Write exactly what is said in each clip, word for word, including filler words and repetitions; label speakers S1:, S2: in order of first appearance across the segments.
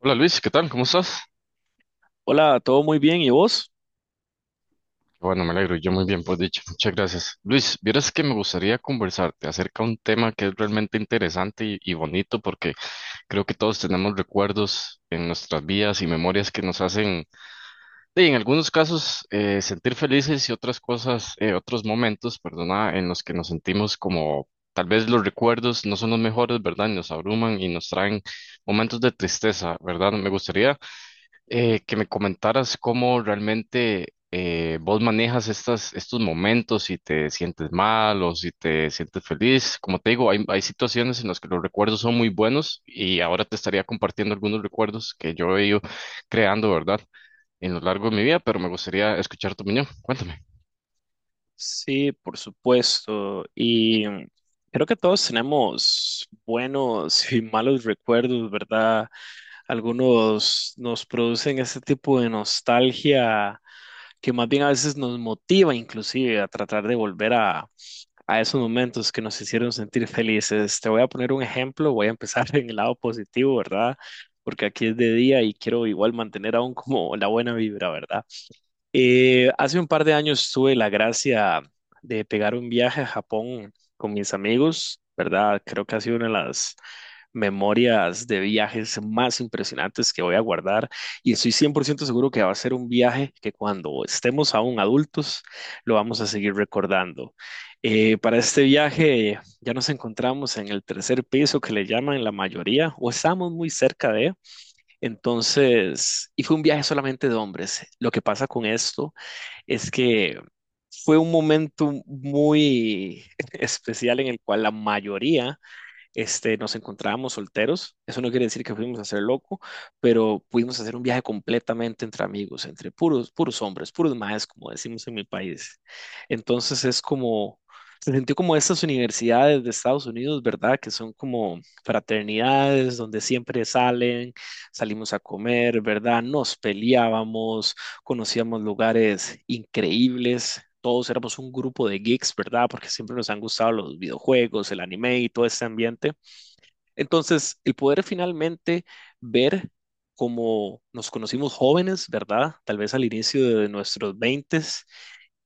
S1: Hola Luis, ¿qué tal? ¿Cómo estás?
S2: Hola, todo muy bien, ¿y vos?
S1: Bueno, me alegro, yo muy bien, pues dicho, muchas gracias. Luis, vieras que me gustaría conversarte acerca de un tema que es realmente interesante y, y bonito porque creo que todos tenemos recuerdos en nuestras vidas y memorias que nos hacen, de, en algunos casos, eh, sentir felices y otras cosas, eh, otros momentos, perdona, en los que nos sentimos como tal vez los recuerdos no son los mejores, ¿verdad? Y nos abruman y nos traen momentos de tristeza, ¿verdad? Me gustaría eh, que me comentaras cómo realmente eh, vos manejas estas, estos momentos, si te sientes mal o si te sientes feliz. Como te digo, hay, hay situaciones en las que los recuerdos son muy buenos y ahora te estaría compartiendo algunos recuerdos que yo he ido creando, ¿verdad? En lo largo de mi vida, pero me gustaría escuchar tu opinión. Cuéntame.
S2: Sí, por supuesto. Y mm, creo que todos tenemos buenos y malos recuerdos, ¿verdad? Algunos nos producen ese tipo de nostalgia que más bien a veces nos motiva inclusive a tratar de volver a, a esos momentos que nos hicieron sentir felices. Te voy a poner un ejemplo, voy a empezar en el lado positivo, ¿verdad? Porque aquí es de día y quiero igual mantener aún como la buena vibra, ¿verdad? Eh, hace un par de años tuve la gracia de pegar un viaje a Japón con mis amigos, ¿verdad? Creo que ha sido una de las memorias de viajes más impresionantes que voy a guardar y estoy cien por ciento seguro que va a ser un viaje que cuando estemos aún adultos lo vamos a seguir recordando. Eh, para este viaje ya nos encontramos en el tercer piso que le llaman la mayoría o estamos muy cerca de. Entonces, y fue un viaje solamente de hombres. Lo que pasa con esto es que fue un momento muy especial en el cual la mayoría este, nos encontrábamos solteros. Eso no quiere decir que fuimos a ser loco, pero pudimos hacer un viaje completamente entre amigos, entre puros, puros hombres, puros maes, como decimos en mi país. Entonces es como, se sintió como estas universidades de Estados Unidos, ¿verdad? Que son como fraternidades donde siempre salen, salimos a comer, ¿verdad? Nos peleábamos, conocíamos lugares increíbles, todos éramos un grupo de geeks, ¿verdad? Porque siempre nos han gustado los videojuegos, el anime y todo ese ambiente. Entonces, el poder finalmente ver cómo nos conocimos jóvenes, ¿verdad? Tal vez al inicio de nuestros veintes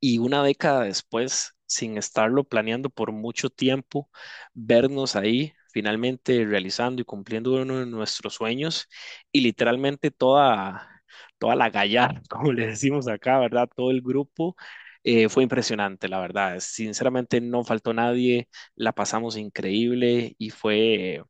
S2: y una década después, sin estarlo planeando por mucho tiempo, vernos ahí finalmente realizando y cumpliendo uno de nuestros sueños y literalmente toda, toda la gallar, como le decimos acá, ¿verdad? Todo el grupo. Eh, fue impresionante, la verdad. Sinceramente no faltó nadie, la pasamos increíble y fue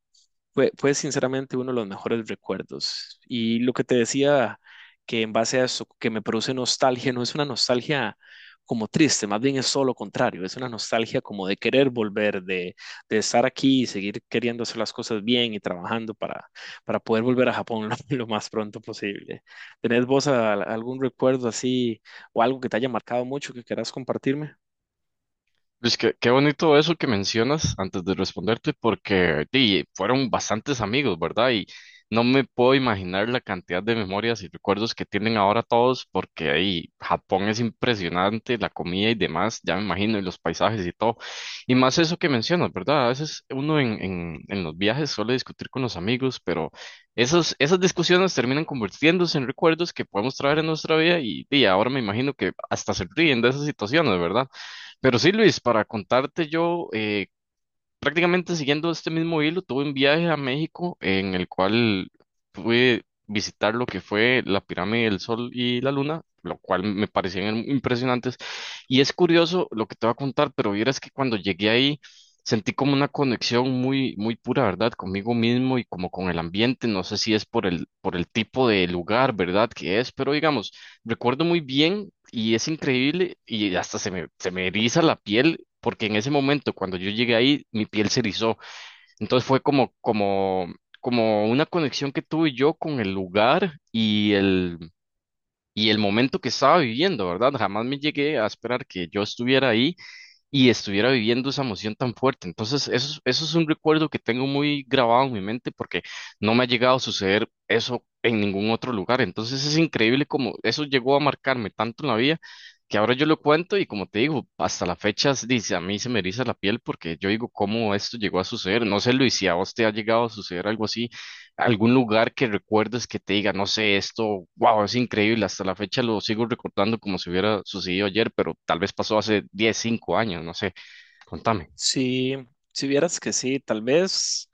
S2: fue, fue sinceramente uno de los mejores recuerdos. Y lo que te decía, que en base a eso, que me produce nostalgia, no es una nostalgia como triste, más bien es todo lo contrario, es una nostalgia como de querer volver, de, de estar aquí y seguir queriendo hacer las cosas bien y trabajando para, para poder volver a Japón lo, lo más pronto posible. ¿Tenés vos a- algún recuerdo así o algo que te haya marcado mucho que quieras compartirme?
S1: Luis, qué, qué bonito eso que mencionas antes de responderte, porque di, fueron bastantes amigos, ¿verdad? Y no me puedo imaginar la cantidad de memorias y recuerdos que tienen ahora todos, porque ahí Japón es impresionante, la comida y demás, ya me imagino, y los paisajes y todo. Y más eso que mencionas, ¿verdad? A veces uno en, en, en los viajes suele discutir con los amigos, pero esos, esas discusiones terminan convirtiéndose en recuerdos que podemos traer en nuestra vida y, y ahora me imagino que hasta se ríen de esas situaciones, ¿verdad? Pero sí, Luis, para contarte yo, eh, prácticamente siguiendo este mismo hilo, tuve un viaje a México en el cual pude visitar lo que fue la pirámide del Sol y la Luna, lo cual me parecían impresionantes. Y es curioso lo que te voy a contar, pero vieras que cuando llegué ahí sentí como una conexión muy, muy pura, ¿verdad? Conmigo mismo y como con el ambiente. No sé si es por el, por el tipo de lugar, ¿verdad? Que es, pero digamos. Recuerdo muy bien y es increíble y hasta se me, se me eriza la piel porque en ese momento cuando yo llegué ahí mi piel se erizó. Entonces fue como, como, como una conexión que tuve yo con el lugar y el, y el momento que estaba viviendo, ¿verdad? Jamás me llegué a esperar que yo estuviera ahí y estuviera viviendo esa emoción tan fuerte. Entonces, eso, es- eso es un recuerdo que tengo muy grabado en mi mente porque no me ha llegado a suceder eso en ningún otro lugar. Entonces, es increíble cómo eso llegó a marcarme tanto en la vida que ahora yo lo cuento y como te digo, hasta la fecha, dice, a mí se me eriza la piel porque yo digo, ¿cómo esto llegó a suceder? No sé, Luis, si a vos te ha llegado a suceder algo así algún lugar que recuerdes que te diga, no sé, esto, wow, es increíble, hasta la fecha lo sigo recordando como si hubiera sucedido ayer, pero tal vez pasó hace diez cinco años, no sé, contame.
S2: Sí, si vieras que sí, tal vez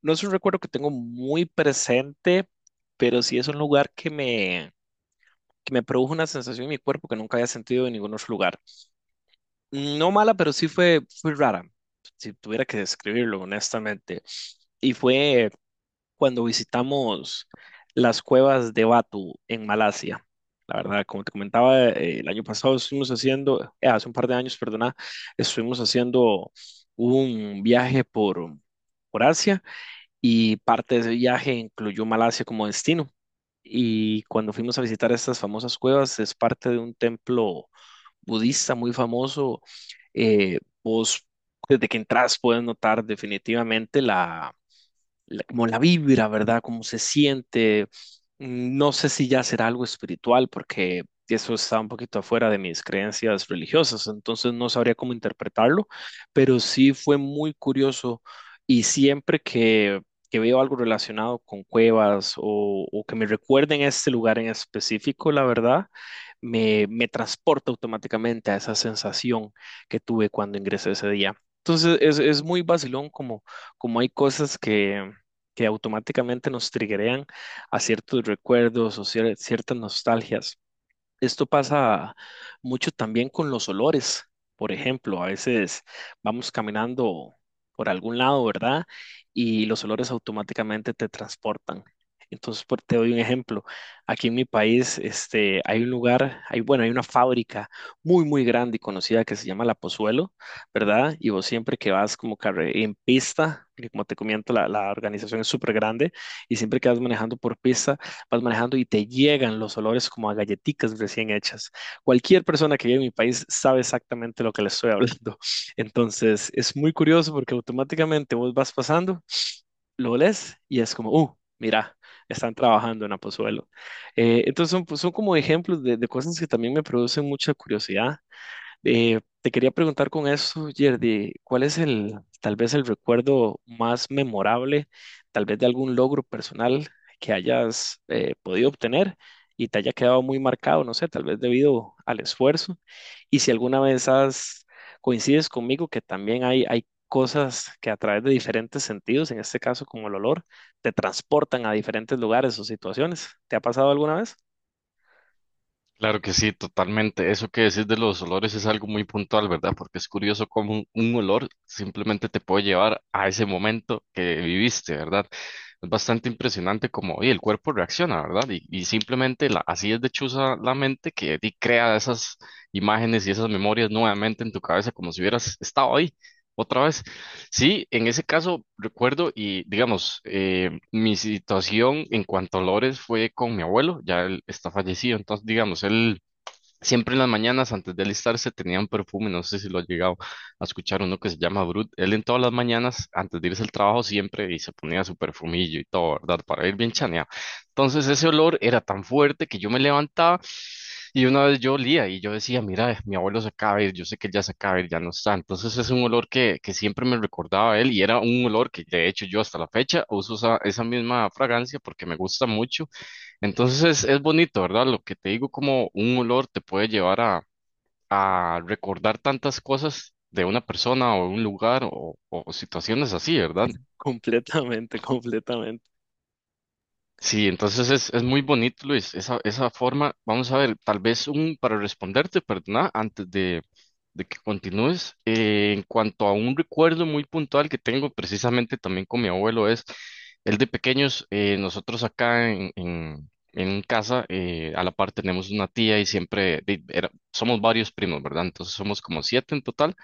S2: no es un recuerdo que tengo muy presente, pero sí es un lugar que me, que me produjo una sensación en mi cuerpo que nunca había sentido en ningún otro lugar. No mala, pero sí fue, fue rara, si tuviera que describirlo honestamente. Y fue cuando visitamos las cuevas de Batu en Malasia. La verdad, como te comentaba, eh, el año pasado estuvimos haciendo, eh, hace un par de años, perdona, estuvimos haciendo un viaje por, por Asia y parte de ese viaje incluyó Malasia como destino. Y cuando fuimos a visitar estas famosas cuevas, es parte de un templo budista muy famoso. Eh, vos, desde que entras, puedes notar definitivamente la la- como la vibra, ¿verdad? Cómo se siente. Mm, No sé si ya será algo espiritual, porque eso está un poquito afuera de mis creencias religiosas, entonces no sabría cómo interpretarlo, pero sí fue muy curioso y siempre que, que veo algo relacionado con cuevas o, o que me recuerden este lugar en específico, la verdad, me, me transporta automáticamente a esa sensación que tuve cuando ingresé ese día. Entonces es, es muy vacilón como, como hay cosas que que automáticamente nos triggerean a ciertos recuerdos o cier- ciertas nostalgias. Esto pasa mucho también con los olores. Por ejemplo, a veces vamos caminando por algún lado, ¿verdad? Y los olores automáticamente te transportan. Entonces, por- te doy un ejemplo. Aquí en mi país, este, hay un lugar, hay, bueno, hay una fábrica muy, muy grande y conocida que se llama La Pozuelo, ¿verdad? Y vos siempre que vas como carre- en pista, porque como te comento, la, la organización es súper grande, y siempre que vas manejando por pista, vas manejando y te llegan los olores como a galletitas recién hechas. Cualquier persona que vive en mi país sabe exactamente lo que le estoy hablando. Entonces, es muy curioso porque automáticamente vos vas pasando, lo olés y es como, uh, mira, están trabajando en Apozuelo. Eh, entonces, son, pues, son como ejemplos de, de cosas que también me producen mucha curiosidad. Eh, te quería preguntar con eso, Yerdy, ¿cuál es el, tal vez el recuerdo más memorable, tal vez de algún logro personal que hayas eh, podido obtener y te haya quedado muy marcado, no sé, tal vez debido al esfuerzo? Y si alguna vez has, coincides conmigo que también hay, hay cosas que a través de diferentes sentidos, en este caso como el olor, te transportan a diferentes lugares o situaciones. ¿Te ha pasado alguna vez?
S1: Claro que sí, totalmente. Eso que decís de los olores es algo muy puntual, ¿verdad? Porque es curioso cómo un, un olor simplemente te puede llevar a ese momento que viviste, ¿verdad? Es bastante impresionante cómo oye, el cuerpo reacciona, ¿verdad? Y, y simplemente la- así es de chuza la mente que di- crea esas imágenes y esas memorias nuevamente en tu cabeza como si hubieras estado ahí otra vez. Sí, en ese caso recuerdo y digamos, eh, mi situación en cuanto a olores fue con mi abuelo, ya él está fallecido, entonces digamos, él... Siempre en las mañanas, antes de alistarse, tenía un perfume, no sé si lo ha llegado a escuchar uno que se llama Brut. Él en todas las mañanas, antes de irse al trabajo, siempre y se ponía su perfumillo y todo, ¿verdad? Para ir bien chaneado. Entonces ese olor era tan fuerte que yo me levantaba y una vez yo olía y yo decía, mira, eh, mi abuelo se acaba de ir, yo sé que él ya se acaba de ir, ya no está. Entonces es un olor que, que siempre me recordaba a él y era un olor que de hecho yo hasta la fecha uso esa, esa misma fragancia porque me gusta mucho entonces es, es bonito, ¿verdad? Lo que te digo, como un olor te puede llevar a, a recordar tantas cosas de una persona o un lugar o, o situaciones así, ¿verdad?
S2: Completamente, completamente.
S1: Sí, entonces es, es muy bonito, Luis, esa, esa forma. Vamos a ver, tal vez un, para responderte, perdona, antes de, de que continúes, eh, en cuanto a un recuerdo muy puntual que tengo precisamente también con mi abuelo es, el de pequeños, eh, nosotros acá en, en, en casa, eh, a la par tenemos una tía y siempre, de- era- somos varios primos, ¿verdad? Entonces somos como siete en total.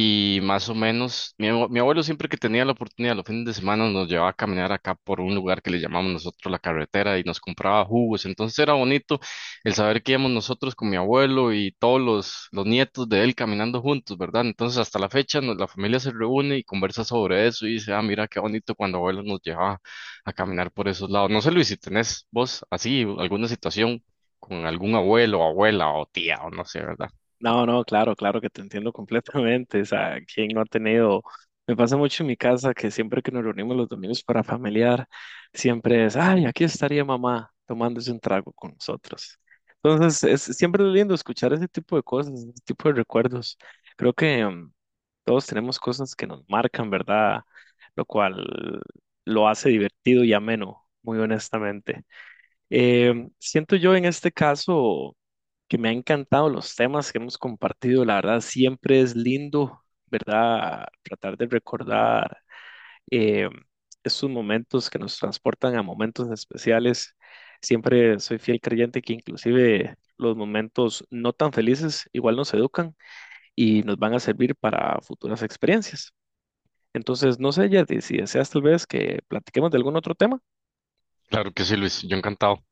S1: Y más o menos, mi, abue- mi abuelo siempre que tenía la oportunidad los fines de semana nos llevaba a caminar acá por un lugar que le llamamos nosotros la carretera y nos compraba jugos. Entonces era bonito el saber que íbamos nosotros con mi abuelo y todos los, los nietos de él caminando juntos, ¿verdad? Entonces hasta la fecha nos- la familia se reúne y conversa sobre eso y dice, ah, mira qué bonito cuando abuelo nos llevaba a caminar por esos lados. No sé, Luis, si tenés vos así alguna situación con algún abuelo, abuela o tía o no sé, ¿verdad?
S2: No, no, claro, claro que te entiendo completamente. O sea, ¿quién no ha tenido? Me pasa mucho en mi casa que siempre que nos reunimos los domingos para familiar, siempre es, ay, aquí estaría mamá tomándose un trago con nosotros. Entonces, es siempre es lindo escuchar ese tipo de cosas, ese tipo de recuerdos. Creo que mm, todos tenemos cosas que nos marcan, ¿verdad? Lo cual lo hace divertido y ameno, muy honestamente. Eh, siento yo en este caso que me han encantado los temas que hemos compartido. La verdad, siempre es lindo, ¿verdad? Tratar de recordar eh, esos momentos que nos transportan a momentos especiales. Siempre soy fiel creyente que inclusive los momentos no tan felices igual nos educan y nos van a servir para futuras experiencias. Entonces, no sé, Yeti, si deseas tal vez que platiquemos de algún otro tema.
S1: Claro que sí, Luis, yo encantado.